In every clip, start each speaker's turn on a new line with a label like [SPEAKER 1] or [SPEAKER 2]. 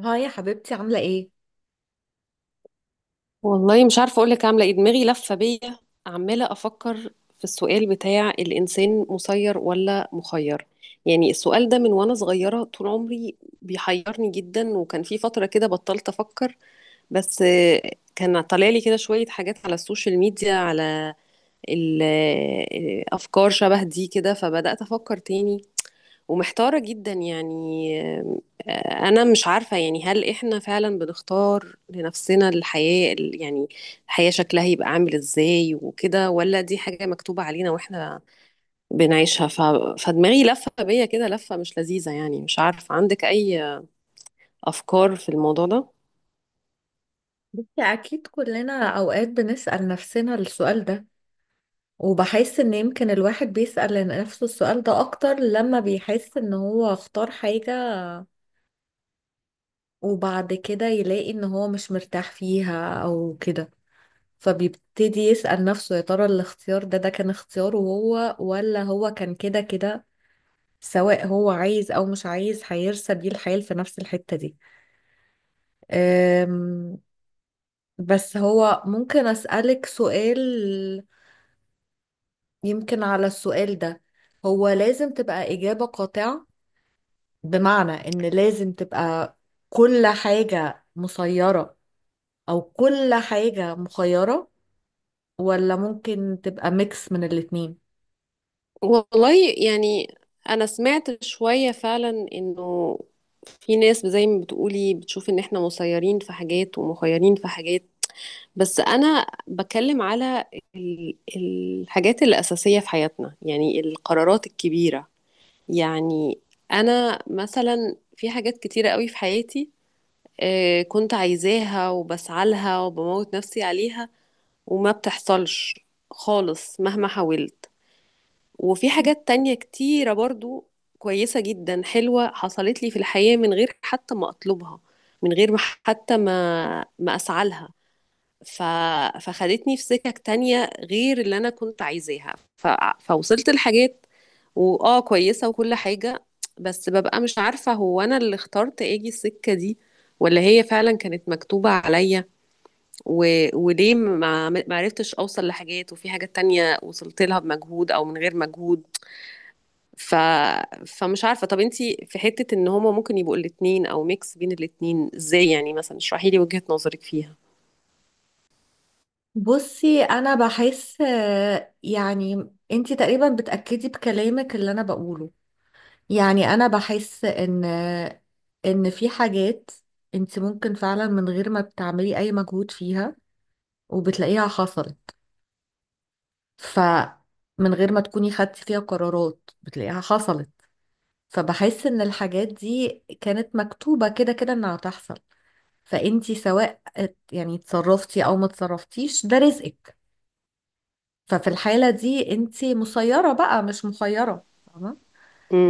[SPEAKER 1] هاي يا حبيبتي، عاملة ايه؟
[SPEAKER 2] والله مش عارفة أقولك عاملة إيه. دماغي لفة بيا، عمالة أفكر في السؤال بتاع الإنسان مسير ولا مخير. يعني السؤال ده من وأنا صغيرة طول عمري بيحيرني جدا، وكان في فترة كده بطلت أفكر. بس كان طالع لي كده شوية حاجات على السوشيال ميديا على الأفكار شبه دي كده، فبدأت أفكر تاني ومحتارة جدا يعني. آه، أنا مش عارفة يعني، هل إحنا فعلا بنختار لنفسنا الحياة يعني الحياة شكلها يبقى عامل إزاي وكده، ولا دي حاجة مكتوبة علينا وإحنا بنعيشها؟ فدماغي لفة بيا كده، لفة مش لذيذة يعني. مش عارفة، عندك أي أفكار في الموضوع ده؟
[SPEAKER 1] بصي، أكيد كلنا أوقات بنسأل نفسنا السؤال ده، وبحس إن يمكن الواحد بيسأل نفسه السؤال ده أكتر لما بيحس إن هو اختار حاجة وبعد كده يلاقي إن هو مش مرتاح فيها أو كده. فبيبتدي يسأل نفسه يا ترى الاختيار ده كان اختياره هو، ولا هو كان كده كده سواء هو عايز أو مش عايز هيرسى بيه الحال في نفس الحتة دي. أم، بس هو ممكن أسألك سؤال؟ يمكن على السؤال ده هو لازم تبقى إجابة قاطعة، بمعنى إن لازم تبقى كل حاجة مسيرة أو كل حاجة مخيرة، ولا ممكن تبقى ميكس من الاتنين؟
[SPEAKER 2] والله يعني، أنا سمعت شوية فعلا إنه في ناس زي ما بتقولي بتشوف إن إحنا مسيرين في حاجات ومخيرين في حاجات. بس انا بتكلم على الحاجات الاساسيه في حياتنا، يعني القرارات الكبيره. يعني انا مثلا في حاجات كتيره قوي في حياتي كنت عايزاها وبسعى لها وبموت نفسي عليها، وما بتحصلش خالص مهما حاولت. وفي حاجات تانية كتيره برضو كويسه جدا حلوه حصلت لي في الحياه من غير حتى ما اطلبها، من غير ما حتى ما اسعى لها. ف... فخدتني في سكك تانية غير اللي انا كنت عايزاها. فوصلت لحاجات، واه كويسة وكل حاجة، بس ببقى مش عارفة هو انا اللي اخترت اجي السكة دي ولا هي فعلا كانت مكتوبة عليا. و... وليه ما عرفتش اوصل لحاجات، وفي حاجات تانية وصلت لها بمجهود او من غير مجهود؟ ف... فمش عارفة. طب انتي في حتة ان هما ممكن يبقوا الاتنين او ميكس بين الاتنين ازاي؟ يعني مثلا اشرحي لي وجهة نظرك فيها.
[SPEAKER 1] بصي، أنا بحس يعني أنتي تقريبا بتأكدي بكلامك اللي أنا بقوله. يعني أنا بحس إن إن في حاجات أنتي ممكن فعلا من غير ما بتعملي أي مجهود فيها وبتلاقيها حصلت. فمن غير ما تكوني خدتي فيها قرارات بتلاقيها حصلت. فبحس ان الحاجات دي كانت مكتوبة كده كده انها هتحصل. فانتي سواء اتصرفتي او ما اتصرفتيش، ده رزقك. ففي الحالة دي انتي مسيرة بقى، مش مخيرة. فاهمة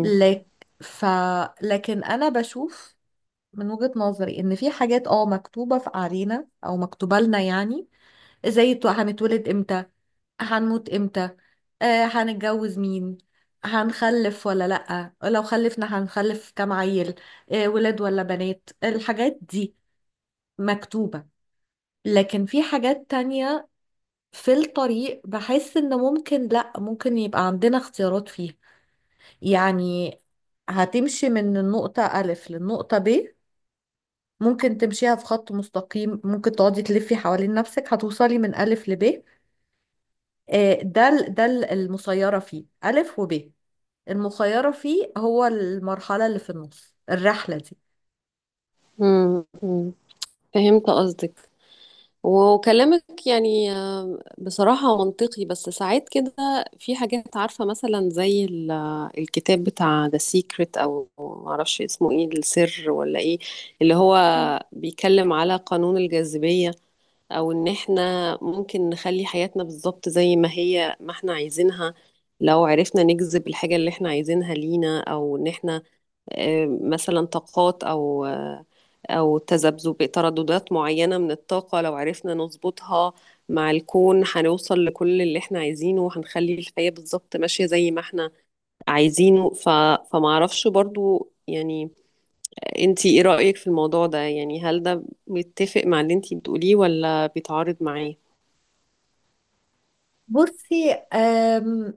[SPEAKER 1] لك؟ ف لكن انا بشوف من وجهة نظري ان في حاجات اه مكتوبة في علينا او مكتوبة لنا، يعني زي هنتولد امتى، هنموت امتى، آه هنتجوز مين، هنخلف ولا لأ، لو خلفنا هنخلف كام عيل، آه ولاد ولا بنات. الحاجات دي مكتوبة. لكن في حاجات تانية في الطريق بحس ان ممكن لأ، ممكن يبقى عندنا اختيارات فيها. يعني هتمشي من النقطة ألف للنقطة ب، ممكن تمشيها في خط مستقيم، ممكن تقعدي تلفي حوالين نفسك هتوصلي من ألف لب. المسيرة فيه ألف وب. المخيرة فيه هو المرحلة اللي في النص الرحلة دي.
[SPEAKER 2] امم. فهمت قصدك، وكلامك يعني بصراحة منطقي. بس ساعات كده في حاجات عارفة، مثلا زي الكتاب بتاع The Secret، أو معرفش اسمه ايه، السر ولا ايه، اللي هو
[SPEAKER 1] مم.
[SPEAKER 2] بيتكلم على قانون الجاذبية. أو إن احنا ممكن نخلي حياتنا بالظبط زي ما هي ما احنا عايزينها، لو عرفنا نجذب الحاجة اللي احنا عايزينها لينا. أو إن احنا مثلا طاقات، أو تذبذب ترددات معينة من الطاقة لو عرفنا نظبطها مع الكون، هنوصل لكل اللي احنا عايزينه وهنخلي الحياة بالظبط ماشية زي ما احنا عايزينه. فمعرفش برضو يعني، انتي ايه رأيك في الموضوع ده؟ يعني هل ده متفق مع اللي انتي بتقوليه ولا بيتعارض معاه؟
[SPEAKER 1] بصي،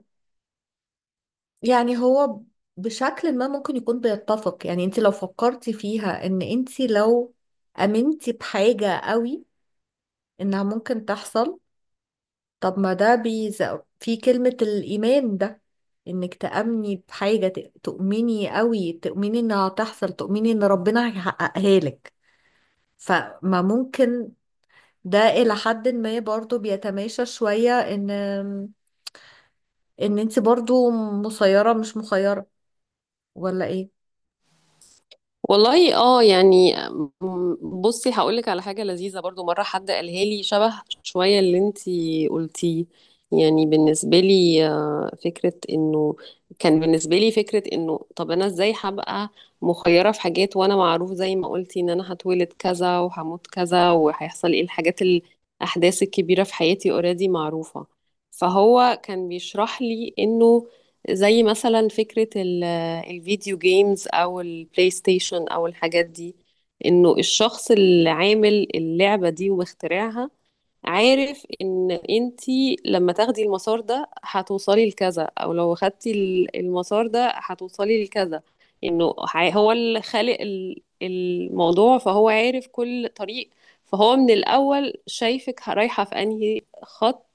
[SPEAKER 1] يعني هو بشكل ما ممكن يكون بيتفق. يعني انت لو فكرتي فيها ان انت لو امنتي بحاجة قوي انها ممكن تحصل. طب ما ده في كلمة الايمان ده، انك تأمني بحاجة تؤمني قوي، تؤمني انها هتحصل، تؤمني ان ربنا هيحققها لك. فما ممكن ده إلى حد ما برضو بيتماشى شوية إن إن أنت برضو مسيرة مش مخيرة، ولا إيه؟
[SPEAKER 2] والله يعني، بصي هقولك على حاجة لذيذة برضو. مرة حد قالها لي شبه شوية اللي انتي قلتيه. يعني بالنسبة لي فكرة انه، كان بالنسبة لي فكرة انه طب انا ازاي هبقى مخيرة في حاجات وانا معروف، زي ما قلتي، ان انا هتولد كذا وهموت كذا، وهيحصل ايه الحاجات الاحداث الكبيرة في حياتي اوريدي معروفة. فهو كان بيشرح لي انه زي مثلا فكرة الفيديو جيمز او البلاي ستيشن او الحاجات دي، انه الشخص اللي عامل اللعبة دي ومخترعها عارف ان انتي لما تاخدي المسار ده هتوصلي لكذا، او لو خدتي المسار ده هتوصلي لكذا. انه هو اللي خالق الموضوع، فهو عارف كل طريق. فهو من الاول شايفك رايحة في انهي خط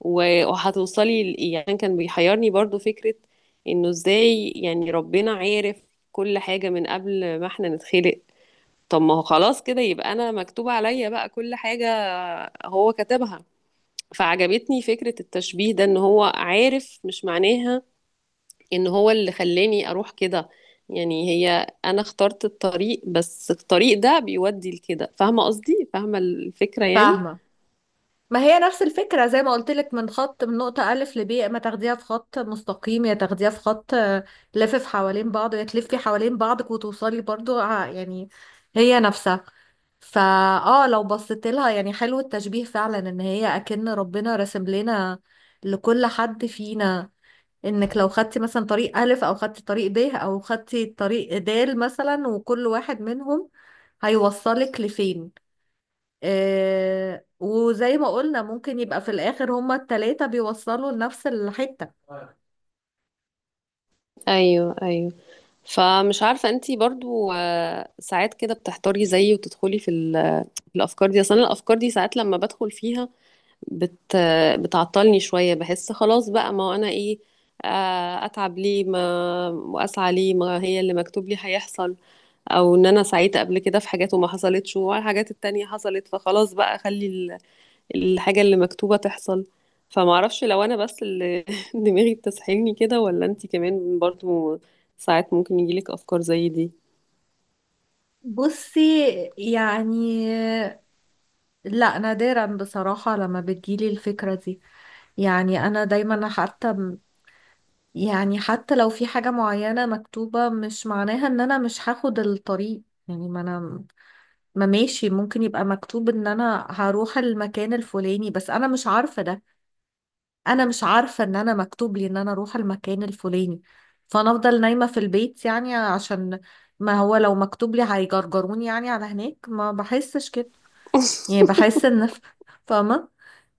[SPEAKER 2] وهتوصلي يعني كان بيحيرني برضو فكرة انه ازاي يعني ربنا عارف كل حاجة من قبل ما احنا نتخلق. طب ما هو خلاص كده يبقى انا مكتوب عليا بقى كل حاجة، هو كتبها. فعجبتني فكرة التشبيه ده، ان هو عارف مش معناها ان هو اللي خلاني اروح كده. يعني هي انا اخترت الطريق، بس الطريق ده بيودي لكده. فاهمة قصدي؟ فاهمة الفكرة يعني؟
[SPEAKER 1] فاهمة؟ ما هي نفس الفكرة زي ما قلت لك من خط، من نقطة ألف لب، يا إما تاخديها في خط مستقيم يا تاخديها في خط لافف حوالين بعض، يا تلفي حوالين بعضك وتوصلي برضو يعني هي نفسها. فا اه لو بصيت لها يعني حلو التشبيه فعلا، ان هي اكن ربنا راسم لنا لكل حد فينا، انك لو خدتي مثلا طريق الف او خدتي طريق ب او خدتي طريق د مثلا، وكل واحد منهم هيوصلك لفين. آه، وزي ما قلنا ممكن يبقى في الاخر هما التلاتة بيوصلوا لنفس الحتة.
[SPEAKER 2] ايوه ايوه. فمش عارفة، انتي برضو ساعات كده بتحتاري زيي، وتدخلي في في الأفكار دي أصلا؟ الأفكار دي ساعات لما بدخل فيها بت آه، بتعطلني شوية. بحس خلاص بقى، ما هو أنا إيه أتعب ليه، ما وأسعى ليه، ما هي اللي مكتوب لي هيحصل. أو إن أنا سعيت قبل كده في حاجات وما حصلتش، والحاجات التانية حصلت. فخلاص بقى، خلي الحاجة اللي مكتوبة تحصل. فمعرفش لو أنا بس اللي دماغي بتسحلني كده، ولا أنتي كمان برضو ساعات ممكن يجيلك أفكار زي دي؟
[SPEAKER 1] بصي يعني، لا نادرا بصراحة لما بتجيلي الفكرة دي. يعني انا دايما، حتى يعني حتى لو في حاجة معينة مكتوبة مش معناها ان انا مش هاخد الطريق. يعني ما ماشي، ممكن يبقى مكتوب ان انا هروح المكان الفلاني بس انا مش عارفة ده. انا مش عارفة ان انا مكتوب لي ان انا اروح المكان الفلاني، فانا افضل نايمة في البيت يعني. عشان ما هو لو مكتوب لي هيجرجروني يعني على هناك. ما بحسش كده. يعني بحس ان فاهمة؟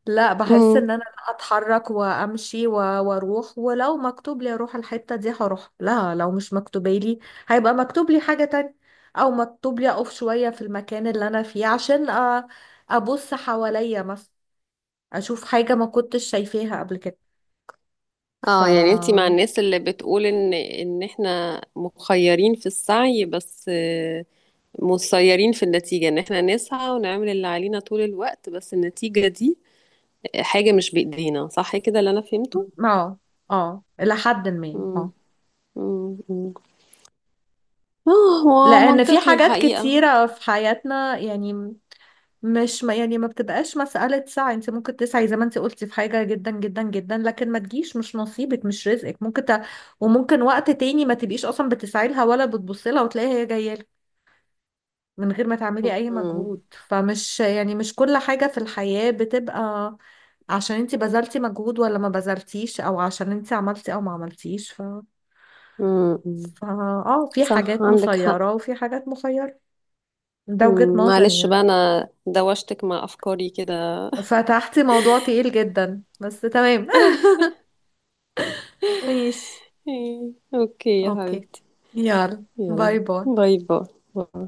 [SPEAKER 1] لا بحس ان
[SPEAKER 2] امم.
[SPEAKER 1] انا لا، اتحرك وامشي واروح، ولو مكتوب لي اروح الحتة دي هروح، لا لو مش مكتوبالي هيبقى مكتوب لي حاجة تانية او مكتوب لي اقف شوية في المكان اللي انا فيه، عشان أ- ابص حواليا مثلا، اشوف حاجة ما كنتش شايفاها قبل كده. ف
[SPEAKER 2] اه يعني انتي مع
[SPEAKER 1] اه
[SPEAKER 2] الناس اللي بتقول ان احنا مخيرين في السعي، بس مسيرين في النتيجة. ان احنا نسعى ونعمل اللي علينا طول الوقت، بس النتيجة دي حاجة مش بإيدينا، صح كده اللي انا فهمته؟
[SPEAKER 1] اه الى حد ما،
[SPEAKER 2] مم.
[SPEAKER 1] اه.
[SPEAKER 2] مم. مم. اه، هو
[SPEAKER 1] لان في
[SPEAKER 2] منطقي
[SPEAKER 1] حاجات
[SPEAKER 2] الحقيقة.
[SPEAKER 1] كتيرة في حياتنا يعني، مش ما يعني ما بتبقاش مسألة سعي. انت ممكن تسعي زي ما انت قلتي في حاجة جدا جدا جدا لكن ما تجيش، مش نصيبك مش رزقك. ممكن وممكن وقت تاني ما تبقيش اصلا بتسعي لها ولا بتبصي لها وتلاقيها هي جاية لك من غير ما تعملي اي
[SPEAKER 2] مم.
[SPEAKER 1] مجهود. فمش يعني مش كل حاجة في الحياة بتبقى عشان انت بذلتي مجهود ولا ما بذلتيش، او عشان انت عملتي او ما عملتيش. ف
[SPEAKER 2] مم.
[SPEAKER 1] ف اه في
[SPEAKER 2] صح،
[SPEAKER 1] حاجات
[SPEAKER 2] عندك حق.
[SPEAKER 1] مسيرة وفي حاجات مخيرة. ده وجهة
[SPEAKER 2] مم،
[SPEAKER 1] نظري
[SPEAKER 2] معلش بقى
[SPEAKER 1] يعني.
[SPEAKER 2] انا دوشتك مع افكاري كده.
[SPEAKER 1] فتحتي موضوع تقيل جدا بس تمام. ماشي.
[SPEAKER 2] إيه، اوكي يا
[SPEAKER 1] اوكي.
[SPEAKER 2] حبيبتي.
[SPEAKER 1] يلا
[SPEAKER 2] يلا
[SPEAKER 1] باي باي.
[SPEAKER 2] باي باي. باي.